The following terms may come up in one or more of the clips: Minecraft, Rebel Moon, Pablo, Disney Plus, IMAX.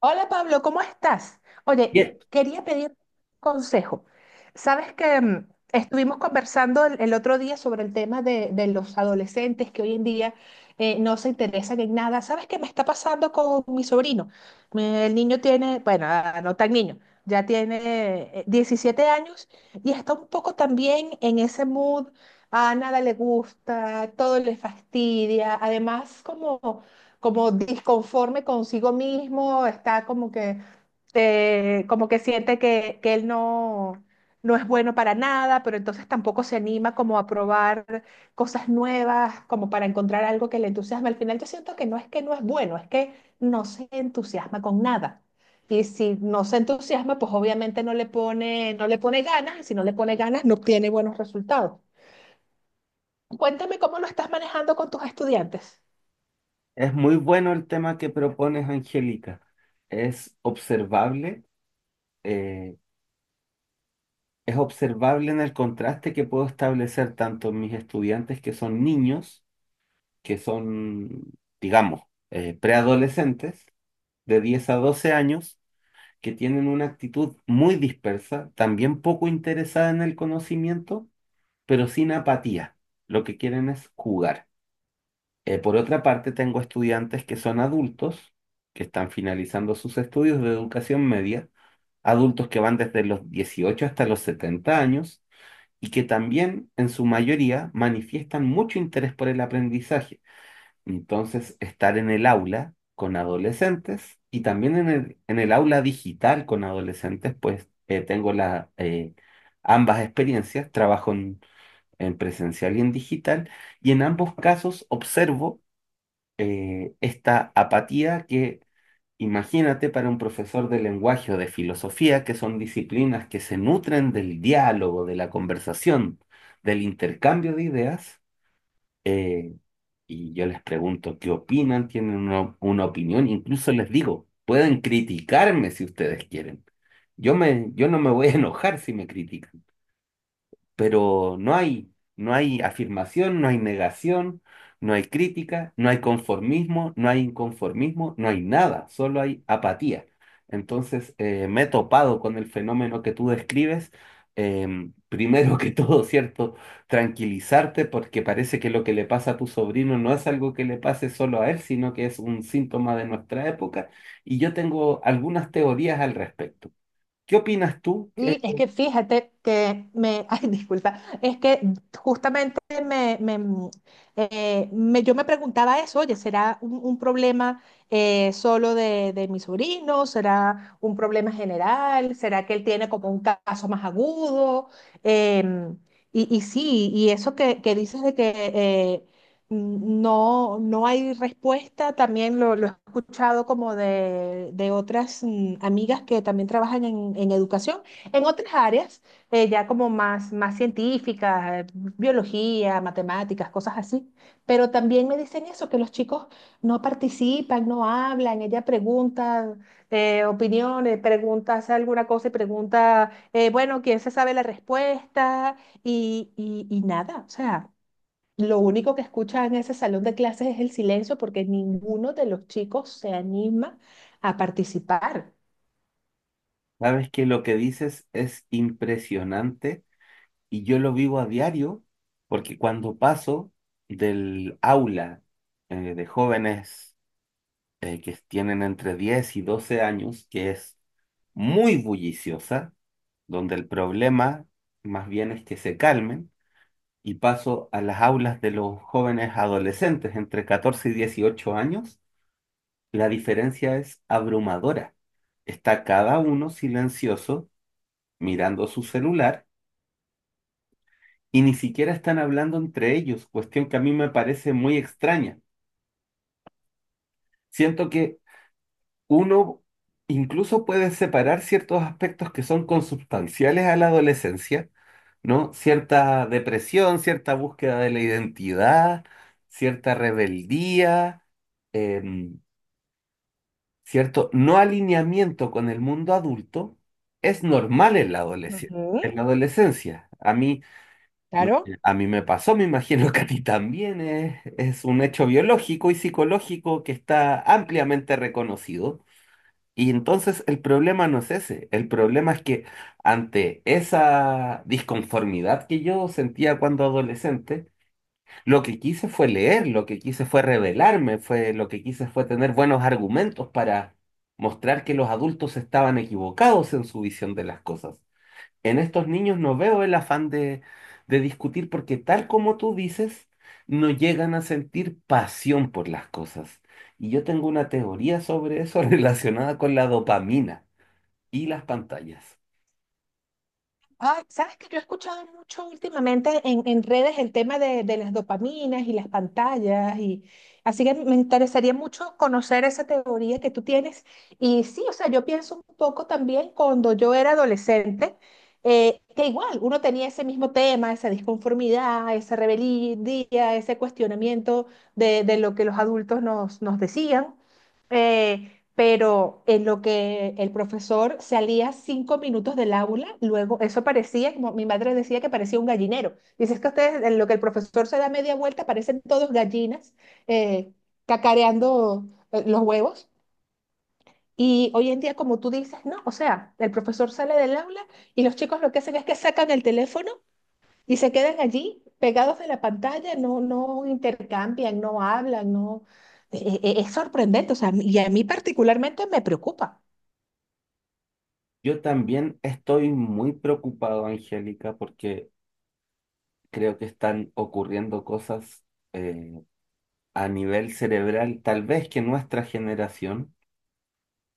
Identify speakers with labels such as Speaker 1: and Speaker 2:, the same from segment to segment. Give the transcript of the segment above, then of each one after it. Speaker 1: Hola Pablo, ¿cómo estás? Oye,
Speaker 2: Bien,
Speaker 1: quería pedir consejo. Sabes que estuvimos conversando el otro día sobre el tema de los adolescentes que hoy en día no se interesan en nada. ¿Sabes qué me está pasando con mi sobrino? El niño tiene, bueno, ah, no tan niño, ya tiene 17 años y está un poco también en ese mood. A nada le gusta, todo le fastidia. Además, como disconforme consigo mismo, está como que siente que él no, no es bueno para nada, pero entonces tampoco se anima como a probar cosas nuevas, como para encontrar algo que le entusiasme. Al final yo siento que no es bueno, es que no se entusiasma con nada. Y si no se entusiasma, pues obviamente no le pone ganas, y si no le pone ganas, no obtiene buenos resultados. Cuéntame cómo lo estás manejando con tus estudiantes.
Speaker 2: es muy bueno el tema que propones, Angélica. Es observable, eh, es observable en el contraste que puedo establecer tanto en mis estudiantes que son niños, que son, digamos, preadolescentes de 10 a 12 años, que tienen una actitud muy dispersa, también poco interesada en el conocimiento, pero sin apatía. Lo que quieren es jugar. Por otra parte, tengo estudiantes que son adultos, que están finalizando sus estudios de educación media, adultos que van desde los 18 hasta los 70 años, y que también en su mayoría manifiestan mucho interés por el aprendizaje. Entonces, estar en el aula con adolescentes, y también en el aula digital con adolescentes, pues tengo ambas experiencias. Trabajo en presencial y en digital. Y en ambos casos observo esta apatía. Que imagínate, para un profesor de lenguaje o de filosofía, que son disciplinas que se nutren del diálogo, de la conversación, del intercambio de ideas. eh, y yo les pregunto qué opinan, tienen una opinión, incluso les digo, pueden criticarme si ustedes quieren. Yo no me voy a enojar si me critican, pero no hay afirmación, no hay negación, no hay crítica, no hay conformismo, no hay inconformismo, no hay nada, solo hay apatía. Entonces, me he topado con el fenómeno que tú describes. Primero que todo, ¿cierto? Tranquilizarte, porque parece que lo que le pasa a tu sobrino no es algo que le pase solo a él, sino que es un síntoma de nuestra época. Y yo tengo algunas teorías al respecto. ¿Qué opinas tú?
Speaker 1: Y es que fíjate que ay, disculpa, es que justamente me, me, mm, yo me preguntaba eso, oye, ¿será un problema solo de mi sobrino? ¿Será un problema general? ¿Será que él tiene como un caso más agudo? Em, y sí, y eso que dices de que no, no hay respuesta, también lo he escuchado como de otras amigas que también trabajan en educación en otras áreas, ya como más científicas, biología, matemáticas, cosas así. Pero también me dicen eso, que los chicos no participan, no hablan, ella pregunta opiniones, pregunta, hace alguna cosa y pregunta, bueno, ¿quién se sabe la respuesta? Y nada, o sea, lo único que escucha en ese salón de clases es el silencio porque ninguno de los chicos se anima a participar.
Speaker 2: Sabes que lo que dices es impresionante, y yo lo vivo a diario, porque cuando paso del aula de jóvenes que tienen entre 10 y 12 años, que es muy bulliciosa, donde el problema más bien es que se calmen, y paso a las aulas de los jóvenes adolescentes entre 14 y 18 años, la diferencia es abrumadora. Está cada uno silencioso, mirando su celular, y ni siquiera están hablando entre ellos, cuestión que a mí me parece muy extraña. Siento que uno incluso puede separar ciertos aspectos que son consubstanciales a la adolescencia, ¿no? Cierta depresión, cierta búsqueda de la identidad, cierta rebeldía, em, cierto no alineamiento con el mundo adulto, es normal en la adolescencia.
Speaker 1: Ujú.
Speaker 2: En la adolescencia. Me-
Speaker 1: Claro.
Speaker 2: A mí me pasó, me imagino que a ti también. Es un hecho biológico y psicológico que está ampliamente reconocido. Y entonces el problema no es ese, el problema es que ante esa disconformidad que yo sentía cuando adolescente, lo que quise fue leer, lo que quise fue rebelarme, lo que quise fue tener buenos argumentos para mostrar que los adultos estaban equivocados en su visión de las cosas. En estos niños no veo el afán de discutir, porque tal como tú dices, no llegan a sentir pasión por las cosas. Y yo tengo una teoría sobre eso relacionada con la dopamina y las pantallas.
Speaker 1: Ay, sabes que yo he escuchado mucho últimamente en redes el tema de las dopaminas y las pantallas y así que me interesaría mucho conocer esa teoría que tú tienes. Y sí, o sea, yo pienso un poco también cuando yo era adolescente, que igual uno tenía ese mismo tema, esa disconformidad, esa rebeldía, ese cuestionamiento de lo que los adultos nos decían. Eh, pero en lo que el profesor salía 5 minutos del aula, luego eso parecía, como mi madre decía, que parecía un gallinero. Dice es que ustedes, en lo que el profesor se da media vuelta, parecen todos gallinas eh, cacareando los huevos. Y hoy en día, como tú dices, no, o sea, el profesor sale del aula y los chicos lo que hacen es que sacan el teléfono y se quedan allí pegados de la pantalla, no, no intercambian, no hablan, no. Es sorprendente, o sea, y a mí particularmente me preocupa.
Speaker 2: Yo también estoy muy preocupado, Angélica, porque creo que están ocurriendo cosas eh, a nivel cerebral, tal vez que nuestra generación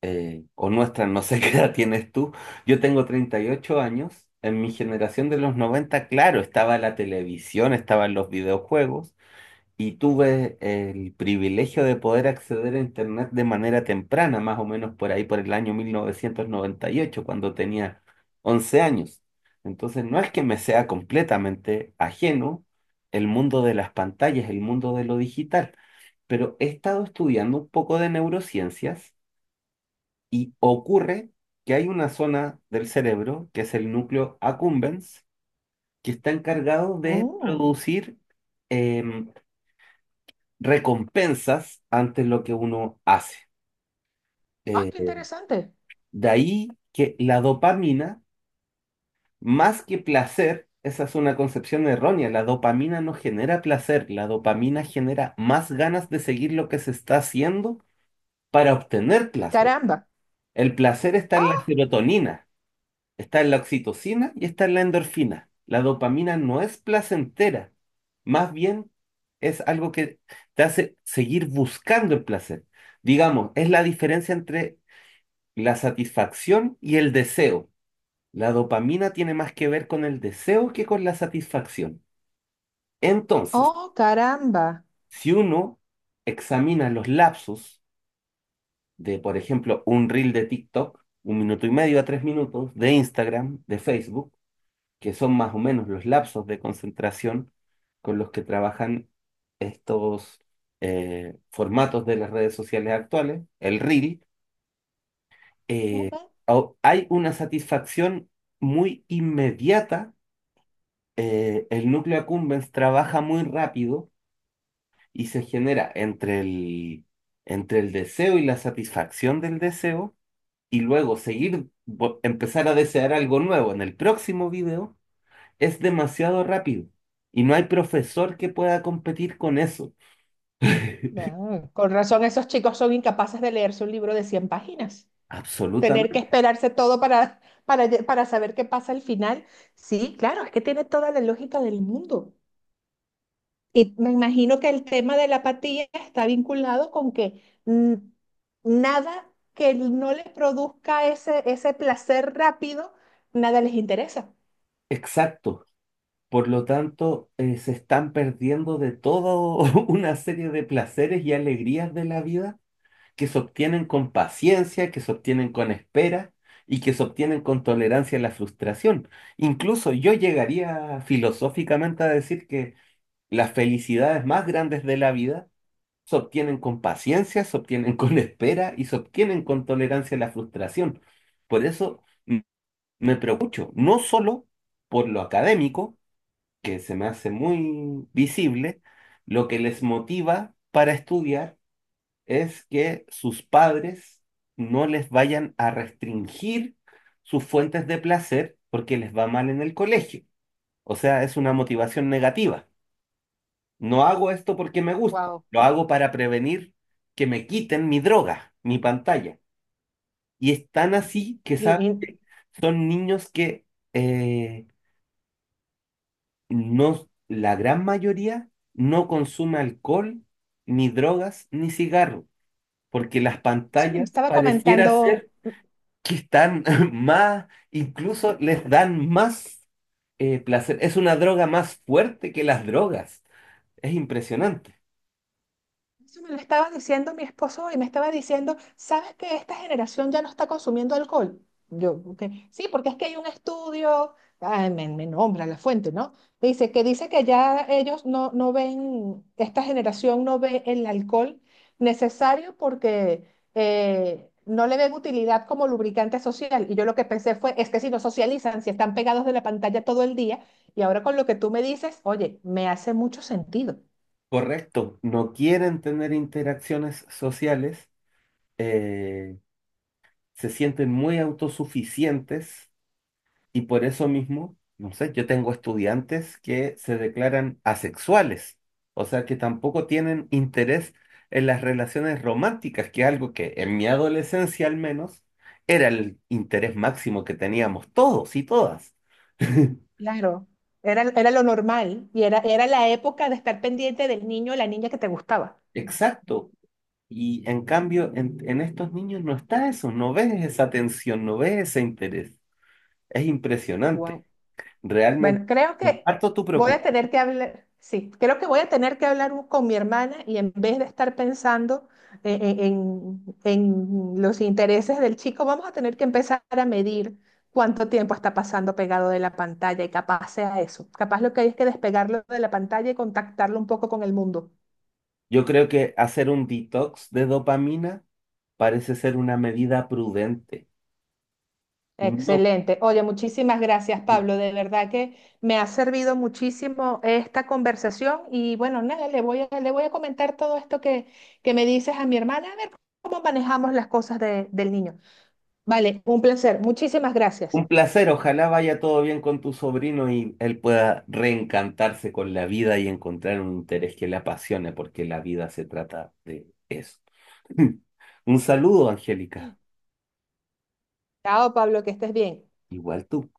Speaker 2: o nuestra, no sé qué edad tienes tú. Yo tengo 38 años. En mi generación de los noventa, claro, estaba la televisión, estaban los videojuegos, y tuve el privilegio de poder acceder a Internet de manera temprana, más o menos por ahí, por el año 1998, cuando tenía 11 años. Entonces, no es que me sea completamente ajeno el mundo de las pantallas, el mundo de lo digital, pero he estado estudiando un poco de neurociencias. Y ocurre que hay una zona del cerebro, que es el núcleo accumbens, que está encargado de
Speaker 1: Mm.
Speaker 2: producir em, recompensas ante lo que uno hace.
Speaker 1: Ah, qué
Speaker 2: Eh,
Speaker 1: interesante.
Speaker 2: de ahí que la dopamina, más que placer, esa es una concepción errónea. La dopamina no genera placer, la dopamina genera más ganas de seguir lo que se está haciendo para obtener
Speaker 1: Ay,
Speaker 2: placer.
Speaker 1: caramba.
Speaker 2: El placer está en la
Speaker 1: Ah,
Speaker 2: serotonina. Está en la oxitocina y está en la endorfina. La dopamina no es placentera, más bien es algo que te hace seguir buscando el placer. Digamos, es la diferencia entre la satisfacción y el deseo. La dopamina tiene más que ver con el deseo que con la satisfacción. Entonces,
Speaker 1: oh, caramba.
Speaker 2: si uno examina los lapsos de, por ejemplo, un reel de TikTok, un minuto y medio a tres minutos, de Instagram, de Facebook, que son más o menos los lapsos de concentración con los que trabajan estos formatos de las redes sociales actuales, el reel. eh,
Speaker 1: Ujú.
Speaker 2: Hay una satisfacción muy inmediata. El núcleo accumbens trabaja muy rápido, y se genera entre el deseo y la satisfacción del deseo, y luego seguir, empezar a desear algo nuevo en el próximo video, es demasiado rápido, y no hay profesor que pueda competir con eso.
Speaker 1: Ah, con razón, esos chicos son incapaces de leerse un libro de 100 páginas. Tener que
Speaker 2: Absolutamente.
Speaker 1: esperarse todo para, para saber qué pasa al final. Sí, claro, es que tiene toda la lógica del mundo. Y me imagino que el tema de la apatía está vinculado con que nada que no les produzca ese placer rápido, nada les interesa.
Speaker 2: Exacto. Por lo tanto, se están perdiendo de toda una serie de placeres y alegrías de la vida que se obtienen con paciencia, que se obtienen con espera y que se obtienen con tolerancia a la frustración. Incluso yo llegaría filosóficamente a decir que las felicidades más grandes de la vida se obtienen con paciencia, se obtienen con espera y se obtienen con tolerancia a la frustración. Por eso me preocupo, no solo por lo académico, que se me hace muy visible. Lo que les motiva para estudiar es que sus padres no les vayan a restringir sus fuentes de placer porque les va mal en el colegio. O sea, es una motivación negativa. No hago esto porque me gusta,
Speaker 1: Wow.
Speaker 2: lo hago para prevenir que me quiten mi droga, mi pantalla. Y es tan así que,
Speaker 1: Sí.
Speaker 2: ¿sabes qué? Son niños que eh, no, la gran mayoría no consume alcohol, ni drogas, ni cigarro, porque las
Speaker 1: Eso me lo
Speaker 2: pantallas
Speaker 1: estaba
Speaker 2: pareciera
Speaker 1: comentando,
Speaker 2: ser que están más, incluso les dan más placer. Es una droga más fuerte que las drogas. Es impresionante.
Speaker 1: eso me lo estaba diciendo mi esposo y me estaba diciendo, ¿sabes que esta generación ya no está consumiendo alcohol? Yo, "Ok". Sí, porque es que hay un estudio, ay, me nombra la fuente, ¿no? Dice que ya ellos no, no ven, esta generación no ve el alcohol necesario porque no le ven utilidad como lubricante social. Y yo lo que pensé fue, es que si no socializan, si están pegados de la pantalla todo el día, y ahora con lo que tú me dices, oye, me hace mucho sentido.
Speaker 2: Correcto, no quieren tener interacciones sociales, eh, se sienten muy autosuficientes, y por eso mismo, no sé, yo tengo estudiantes que se declaran asexuales, o sea que tampoco tienen interés en las relaciones románticas, que es algo que en mi adolescencia al menos era el interés máximo que teníamos todos y todas.
Speaker 1: Claro, era, era lo normal y era, era la época de estar pendiente del niño o la niña que te gustaba.
Speaker 2: Exacto. Y en cambio, en estos niños no está eso, no ves esa atención, no ves ese interés. Es impresionante.
Speaker 1: Wow.
Speaker 2: Realmente,
Speaker 1: Bueno, creo que
Speaker 2: comparto tu
Speaker 1: voy a tener
Speaker 2: preocupación.
Speaker 1: que hablar, sí, creo que voy a tener que hablar con mi hermana y en vez de estar pensando en los intereses del chico, vamos a tener que empezar a medir cuánto tiempo está pasando pegado de la pantalla y capaz sea eso. Capaz lo que hay es que despegarlo de la pantalla y contactarlo un poco con el mundo.
Speaker 2: Yo creo que hacer un detox de dopamina parece ser una medida prudente. No,
Speaker 1: Excelente. Oye, muchísimas gracias, Pablo. De verdad que me ha servido muchísimo esta conversación y bueno, nada, le voy a comentar todo esto que me dices a mi hermana, a ver cómo manejamos las cosas del niño. Vale, un placer. Muchísimas gracias.
Speaker 2: un placer. Ojalá vaya todo bien con tu sobrino y él pueda reencantarse con la vida y encontrar un interés que le apasione, porque la vida se trata de eso. Un saludo, Angélica.
Speaker 1: Chao, Pablo, que estés bien.
Speaker 2: Igual tú.